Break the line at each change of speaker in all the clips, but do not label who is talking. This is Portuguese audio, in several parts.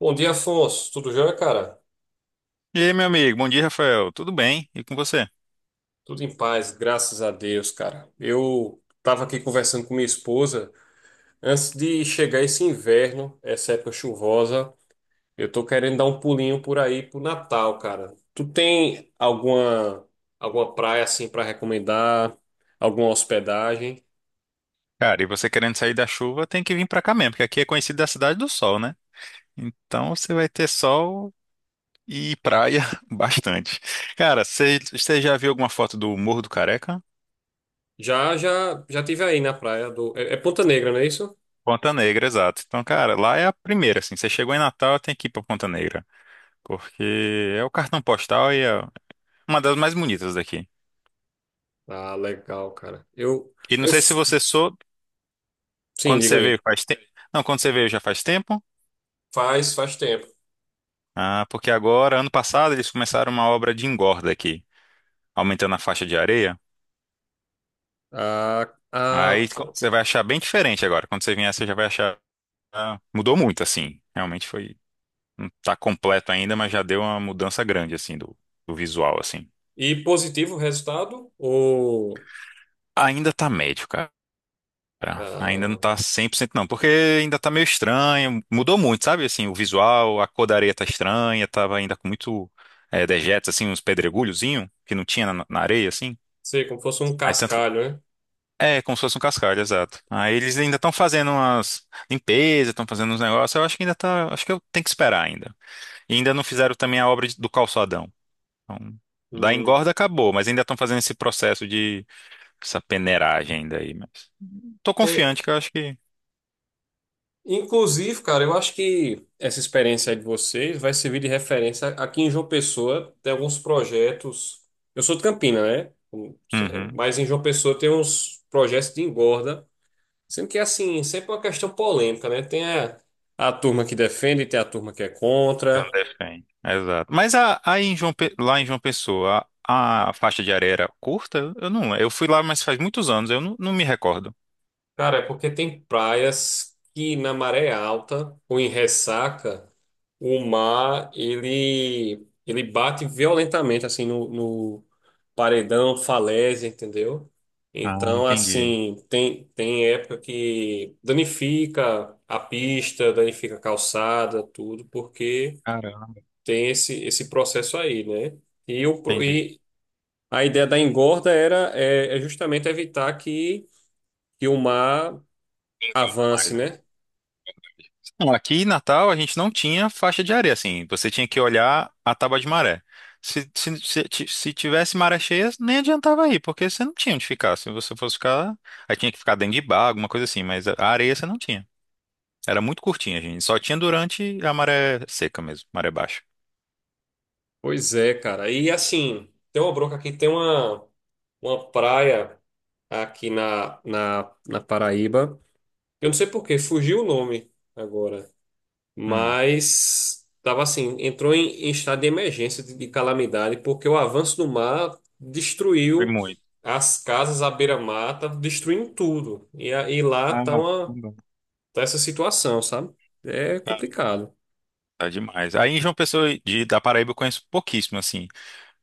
Bom dia, Afonso. Tudo jóia, cara?
E aí, meu amigo, bom dia, Rafael. Tudo bem? E com você?
Tudo em paz, graças a Deus, cara. Eu tava aqui conversando com minha esposa. Antes de chegar esse inverno, essa época chuvosa, eu tô querendo dar um pulinho por aí pro Natal, cara. Tu tem alguma praia assim pra recomendar? Alguma hospedagem?
Cara, e você querendo sair da chuva, tem que vir pra cá mesmo, porque aqui é conhecido da cidade do sol, né? Então você vai ter sol e praia bastante. Cara, você já viu alguma foto do Morro do Careca?
Já tive aí na praia do Ponta Negra, não é isso?
Ponta Negra, exato. Então, cara, lá é a primeira, assim. Você chegou em Natal, tem que ir pra Ponta Negra, porque é o cartão postal e é uma das mais bonitas daqui.
Ah, legal, cara.
E não
Eu
sei se
f-
você sou,
sim,
quando
diga
você
aí.
veio faz tempo. Não, quando você veio já faz tempo.
Faz tempo.
Ah, porque agora, ano passado, eles começaram uma obra de engorda aqui, aumentando a faixa de areia.
Ah, ah.
Você vai achar bem diferente agora. Quando você vier, você já vai achar. Ah, mudou muito, assim. Realmente foi. Não tá completo ainda, mas já deu uma mudança grande, assim, do visual, assim.
E positivo o resultado?
Ainda tá médio, cara. Ainda não
Ah,
tá 100% não, porque ainda tá meio estranho. Mudou muito, sabe? Assim, o visual, a cor da areia tá estranha, tava ainda com muito dejetos, assim, uns pedregulhozinho que não tinha na areia, assim.
Sei, como fosse um
Aí tanto,
cascalho, né?
É, como se fosse um cascalho, exato. Aí eles ainda estão fazendo umas limpezas, estão fazendo uns negócios. Eu acho que ainda tá. Acho que eu tenho que esperar ainda. E ainda não fizeram também a obra do calçadão. Então, da
Hum.
engorda acabou, mas ainda estão fazendo esse processo de essa peneiragem ainda aí. Mas tô
É,
confiante que eu acho que.
inclusive, cara, eu acho que essa experiência aí de vocês vai servir de referência. Aqui em João Pessoa tem alguns projetos. Eu sou de Campina, né?
Uhum.
Mas em João Pessoa tem uns projetos de engorda. Sendo que, assim, sempre é uma questão polêmica, né? Tem a turma que defende, tem a turma que é
Eu não
contra.
defendo. Exato. Mas a, aí em João Pe- lá em João Pessoa, a faixa de areia era curta? Eu não. Eu fui lá, mas faz muitos anos, eu não me recordo.
Cara, é porque tem praias que na maré alta ou em ressaca, o mar ele bate violentamente assim no paredão, falésia, entendeu?
Ah,
Então,
entendi.
assim, tem época que danifica a pista, danifica a calçada, tudo, porque
Caramba,
tem esse processo aí, né? E o pro-
entendi.
e a ideia da engorda era justamente evitar que o mar
Engorda
avance,
mais, né?
né?
Não, aqui em Natal a gente não tinha faixa de areia, assim, você tinha que olhar a tábua de maré. Se tivesse maré cheia, nem adiantava ir, porque você não tinha onde ficar. Se você fosse ficar, aí tinha que ficar dentro de bar, alguma coisa assim, mas a areia você não tinha. Era muito curtinha, gente. Só tinha durante a maré seca mesmo, maré baixa.
Pois é, cara. E assim, tem uma bronca aqui, uma praia aqui na Paraíba. Eu não sei por quê, fugiu o nome agora.
Hum,
Mas tava assim, entrou em estado de emergência, de calamidade, porque o avanço do mar
foi
destruiu
muito.
as casas à beira-mar, tá destruindo tudo. E aí lá
Ah,
tá
caramba.
tá essa situação, sabe? É complicado.
Tá demais. Aí em João Pessoa de, da Paraíba eu conheço pouquíssimo, assim.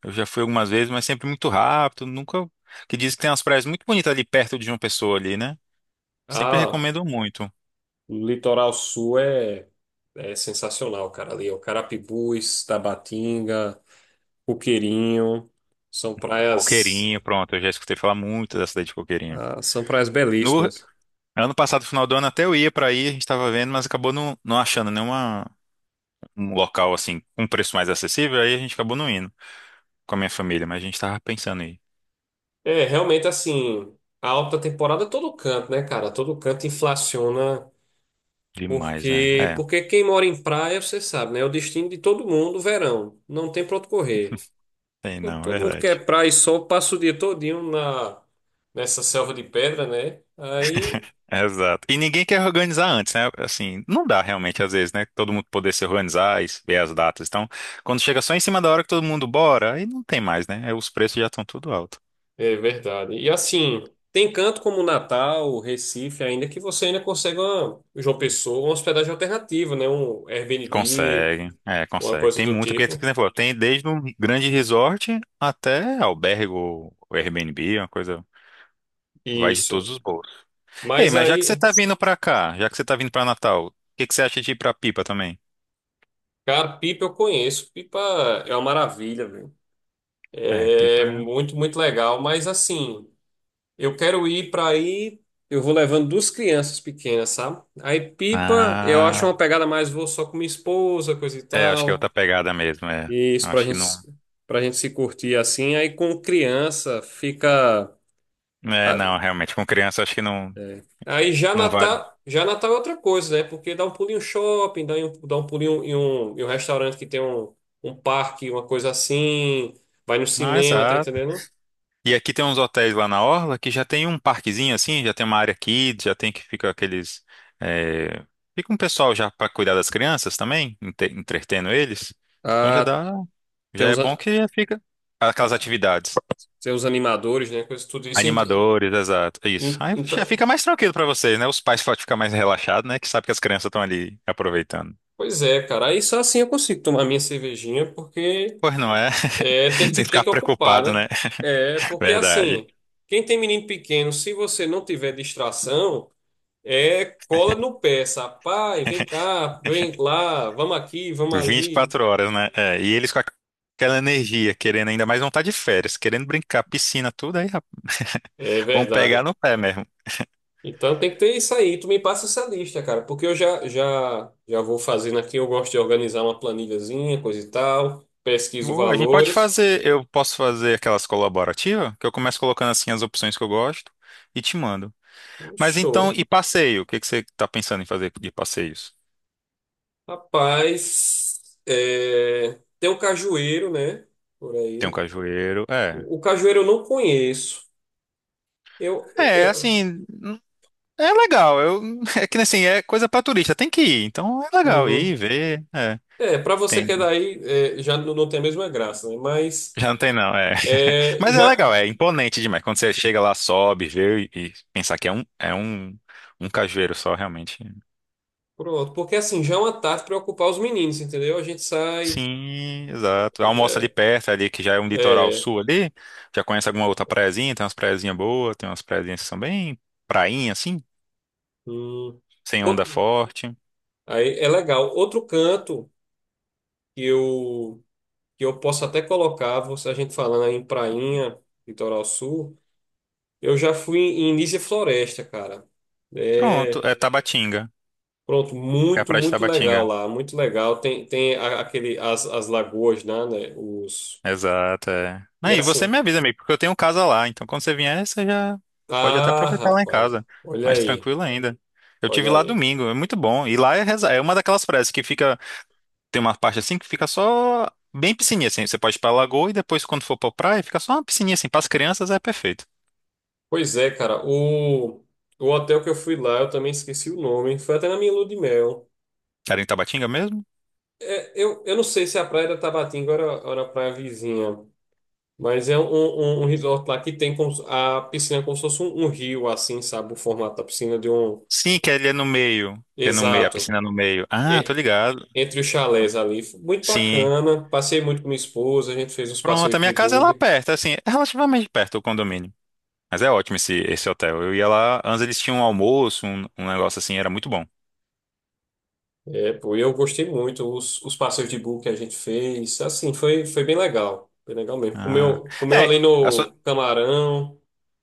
Eu já fui algumas vezes, mas sempre muito rápido, nunca. Que diz que tem umas praias muito bonitas ali perto de João Pessoa ali, né? Sempre
Ah.
recomendo muito.
O litoral sul é sensacional, cara. Ali é o Carapibus, Tabatinga, Coqueirinho, são praias,
Coqueirinho, pronto, eu já escutei falar muito da cidade de Coqueirinho.
são praias
No
belíssimas.
ano passado, final do ano, até eu ia pra aí, a gente tava vendo, mas acabou não achando nenhuma um local assim com um preço mais acessível, aí a gente acabou não indo com a minha família, mas a gente tava pensando aí.
É, realmente assim, a alta temporada é todo canto, né, cara? Todo canto inflaciona,
Demais, né?
porque
É,
porque quem mora em praia, você sabe, né? É o destino de todo mundo, verão. Não tem pra onde correr.
tem
Todo,
não, é
todo mundo
verdade.
quer praia e sol, passa o dia todinho nessa selva de pedra, né? Aí
Exato. E ninguém quer organizar antes, né? Assim, não dá realmente, às vezes, né? Todo mundo poder se organizar e ver as datas. Então, quando chega só em cima da hora que todo mundo bora, aí não tem mais, né? Aí os preços já estão tudo alto.
é verdade. E assim, tem canto como Natal, Recife, ainda que você ainda consegue uma, João Pessoa, uma hospedagem alternativa, né? Um Airbnb,
Consegue, é,
uma
consegue.
coisa
Tem
do
muita, porque, por
tipo.
exemplo, tem desde um grande resort até albergue ou Airbnb, uma coisa, vai de
Isso.
todos os bolsos. Ei,
Mas
mas já que você
aí,
tá vindo pra cá, já que você tá vindo pra Natal, o que que você acha de ir pra Pipa também?
cara, Pipa eu conheço. Pipa é uma maravilha, velho.
É, Pipa.
É
é-
muito legal. Mas assim, eu quero ir para aí. Eu vou levando duas crianças pequenas, sabe? Aí Pipa, eu acho uma
Ah,
pegada mais, vou só com minha esposa, coisa e
é, acho que é
tal.
outra pegada mesmo, é.
E isso
Acho que não.
pra gente se curtir assim, aí com criança fica.
É,
ah,
não, realmente, com criança acho que não,
É. Aí
não vale.
Já Natal é outra coisa, né? Porque dá um pulinho em um shopping, dá um pulinho em um restaurante que tem um parque, uma coisa assim, vai no
Mas,
cinema, tá
ah,
entendendo?
e aqui tem uns hotéis lá na Orla que já tem um parquezinho assim, já tem uma área kids, já tem que fica aqueles. eh, Fica um pessoal já para cuidar das crianças também, entretendo eles. Então já
Ah,
dá.
tem
Já é
os,
bom
a-
que já fica. Aquelas atividades.
tem os animadores, né? Coisa, tudo isso.
Animadores, exato. É isso. Aí já fica
Então,
mais tranquilo para vocês, né? Os pais podem ficar mais relaxados, né? Que sabe que as crianças estão ali aproveitando.
pois é, cara. Aí só assim eu consigo tomar minha cervejinha, porque.
Pois não é?
É,
Sem
tem
ficar
que ocupar,
preocupado,
né?
né?
É, porque
Verdade.
assim, quem tem menino pequeno, se você não tiver distração, é cola no pé, sabe? Pai, vem cá, vem lá, vamos aqui, vamos
vinte e
ali.
quatro horas, né? É, e eles com aquela energia, querendo ainda mais vontade de férias, querendo brincar, piscina, tudo aí, rapaz,
É
vão pegar
verdade.
no pé mesmo.
Então tem que ter isso aí. Tu me passa essa lista, cara, porque eu já vou fazendo aqui. Eu gosto de organizar uma planilhazinha, coisa e tal. Pesquiso
Boa, a gente pode
valores.
fazer, eu posso fazer aquelas colaborativas, que eu começo colocando assim as opções que eu gosto e te mando.
Um
Mas então,
show.
e passeio? O que que você tá pensando em fazer de passeios?
Rapaz, é, tem um cajueiro, né? Por
Tem um
aí.
cajueiro, é.
O cajueiro eu não conheço. Eu,
É,
eu-
assim, é legal. Eu, é que assim, é coisa pra turista, tem que ir. Então é legal ir,
Uhum.
ver, é.
É, para você que
Tem.
é daí, é, já não, não tem a mesma graça, né? Mas
Já não tem, não, é.
é,
Mas é
já
legal, é imponente demais. Quando você chega lá, sobe, vê e pensar que é um, um cajueiro só, realmente.
pronto, porque assim já é uma tarde para ocupar os meninos, entendeu? A gente sai,
Sim, exato. Almoça ali
é,
perto, ali que já é um litoral
é,
sul ali. Já conhece alguma outra praiazinha? Tem umas praiazinhas boas, tem umas praiazinhas que são bem prainha, assim,
hum.
sem onda
O-
forte.
Aí é legal. Outro canto que eu que eu posso até colocar, você a gente falando aí em Prainha, Litoral Sul, eu já fui em Nísia Floresta, cara.
Pronto,
É,
é Tabatinga.
pronto,
É a
muito,
praia de
muito legal
Tabatinga.
lá, muito legal. Tem as lagoas, né, os...
Exato, é.
E
Aí, e você
assim.
me avisa, amigo, porque eu tenho casa lá, então quando você vier, você já pode até
Ah,
aproveitar lá em
rapaz,
casa. Mais tranquilo ainda. Eu tive
olha
lá
aí.
domingo, é muito bom. E lá é, é uma daquelas praias que fica. Tem uma parte assim que fica só bem piscininha, assim. Você pode ir pra lagoa e depois, quando for pra praia, fica só uma piscininha assim. Para as crianças é perfeito.
Pois é, cara, o hotel que eu fui lá, eu também esqueci o nome, foi até na minha lua de mel.
Era em Tabatinga mesmo?
É, eu não sei se a praia da Tabatinga era a praia vizinha, mas é um resort lá que tem como se- a piscina é como se fosse um rio, assim, sabe? O formato da piscina de um.
Sim, que ele é no meio. Que é no meio, a
Exato.
piscina é no meio. Ah, tô
e-
ligado.
Entre os chalés ali. Foi muito
Sim.
bacana. Passei muito com minha esposa, a gente fez uns
Pronto, a
passeios de
minha casa é lá
bug.
perto, assim, é relativamente perto o condomínio. Mas é ótimo esse hotel. Eu ia lá, antes eles tinham um almoço, um negócio assim, era muito bom.
É, pô, eu gostei muito. Os passeios de bug que a gente fez, assim, foi bem legal. Foi legal mesmo.
Ah.
Comeu ali
É, a sua,
no Camarão,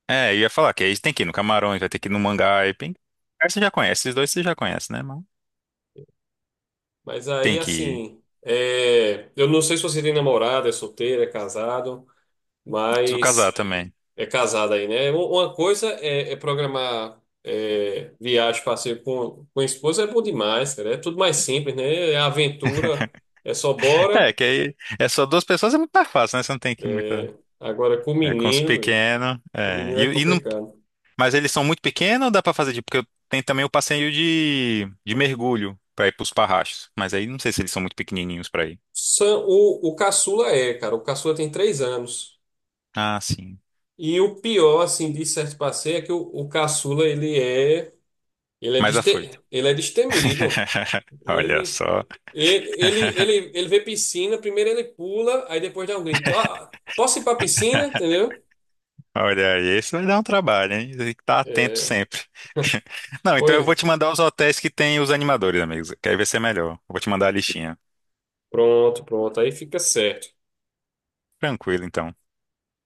é, eu ia falar que aí tem que ir no Camarões, vai ter que ir no Mangai. Tem, aí você já conhece, esses dois você já conhece, né, mano?
mas
Tem
aí,
que ir.
assim, é, eu não sei se você tem namorada, é solteiro, é casado,
Preciso casar
mas.
também.
É casado aí, né? Uma coisa é, é programar é, viagem, passeio com a esposa é bom demais, cara. É tudo mais simples, né? É aventura, é só bora.
É, que aí é só duas pessoas, é muito mais fácil, né? Você não tem que ir muita.
É, agora com
É, com os pequenos.
o
É.
menino é
E, e não,
complicado.
mas eles são muito pequenos ou dá pra fazer? Tipo, porque tem também o passeio de mergulho pra ir pros parrachos. Mas aí não sei se eles são muito pequenininhos pra ir.
O caçula é, cara. O caçula tem 3 anos.
Ah, sim.
E o pior, assim, de certo passeio é que o caçula,
Mas já foi.
ele é destemido.
Olha
Ele,
só.
Ele vê piscina, primeiro ele pula, aí depois dá um grito. Ah, posso ir pra piscina? Entendeu?
Olha aí, isso vai dar um trabalho, hein? Tem que estar atento
É,
sempre. Não, então eu vou
pois,
te mandar os hotéis que tem os animadores, amigos. Que aí vai ser melhor. Eu vou te mandar a listinha.
pronto. Aí fica certo,
Tranquilo, então.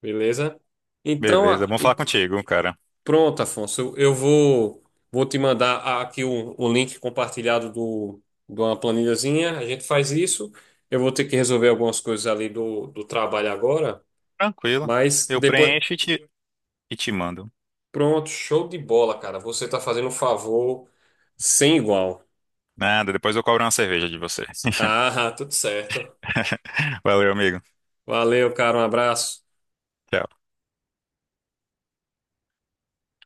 beleza? Então,
Beleza, bom falar contigo, cara.
pronto, Afonso. Vou te mandar aqui o link compartilhado do, de uma planilhazinha. A gente faz isso. Eu vou ter que resolver algumas coisas ali do trabalho agora,
Tranquilo.
mas
Eu
depois.
preencho e te mando.
Pronto, show de bola, cara. Você tá fazendo um favor sem igual.
Nada, depois eu cobro uma cerveja de você.
Ah, tudo certo.
Valeu, amigo.
Valeu, cara. Um abraço.
Tchau.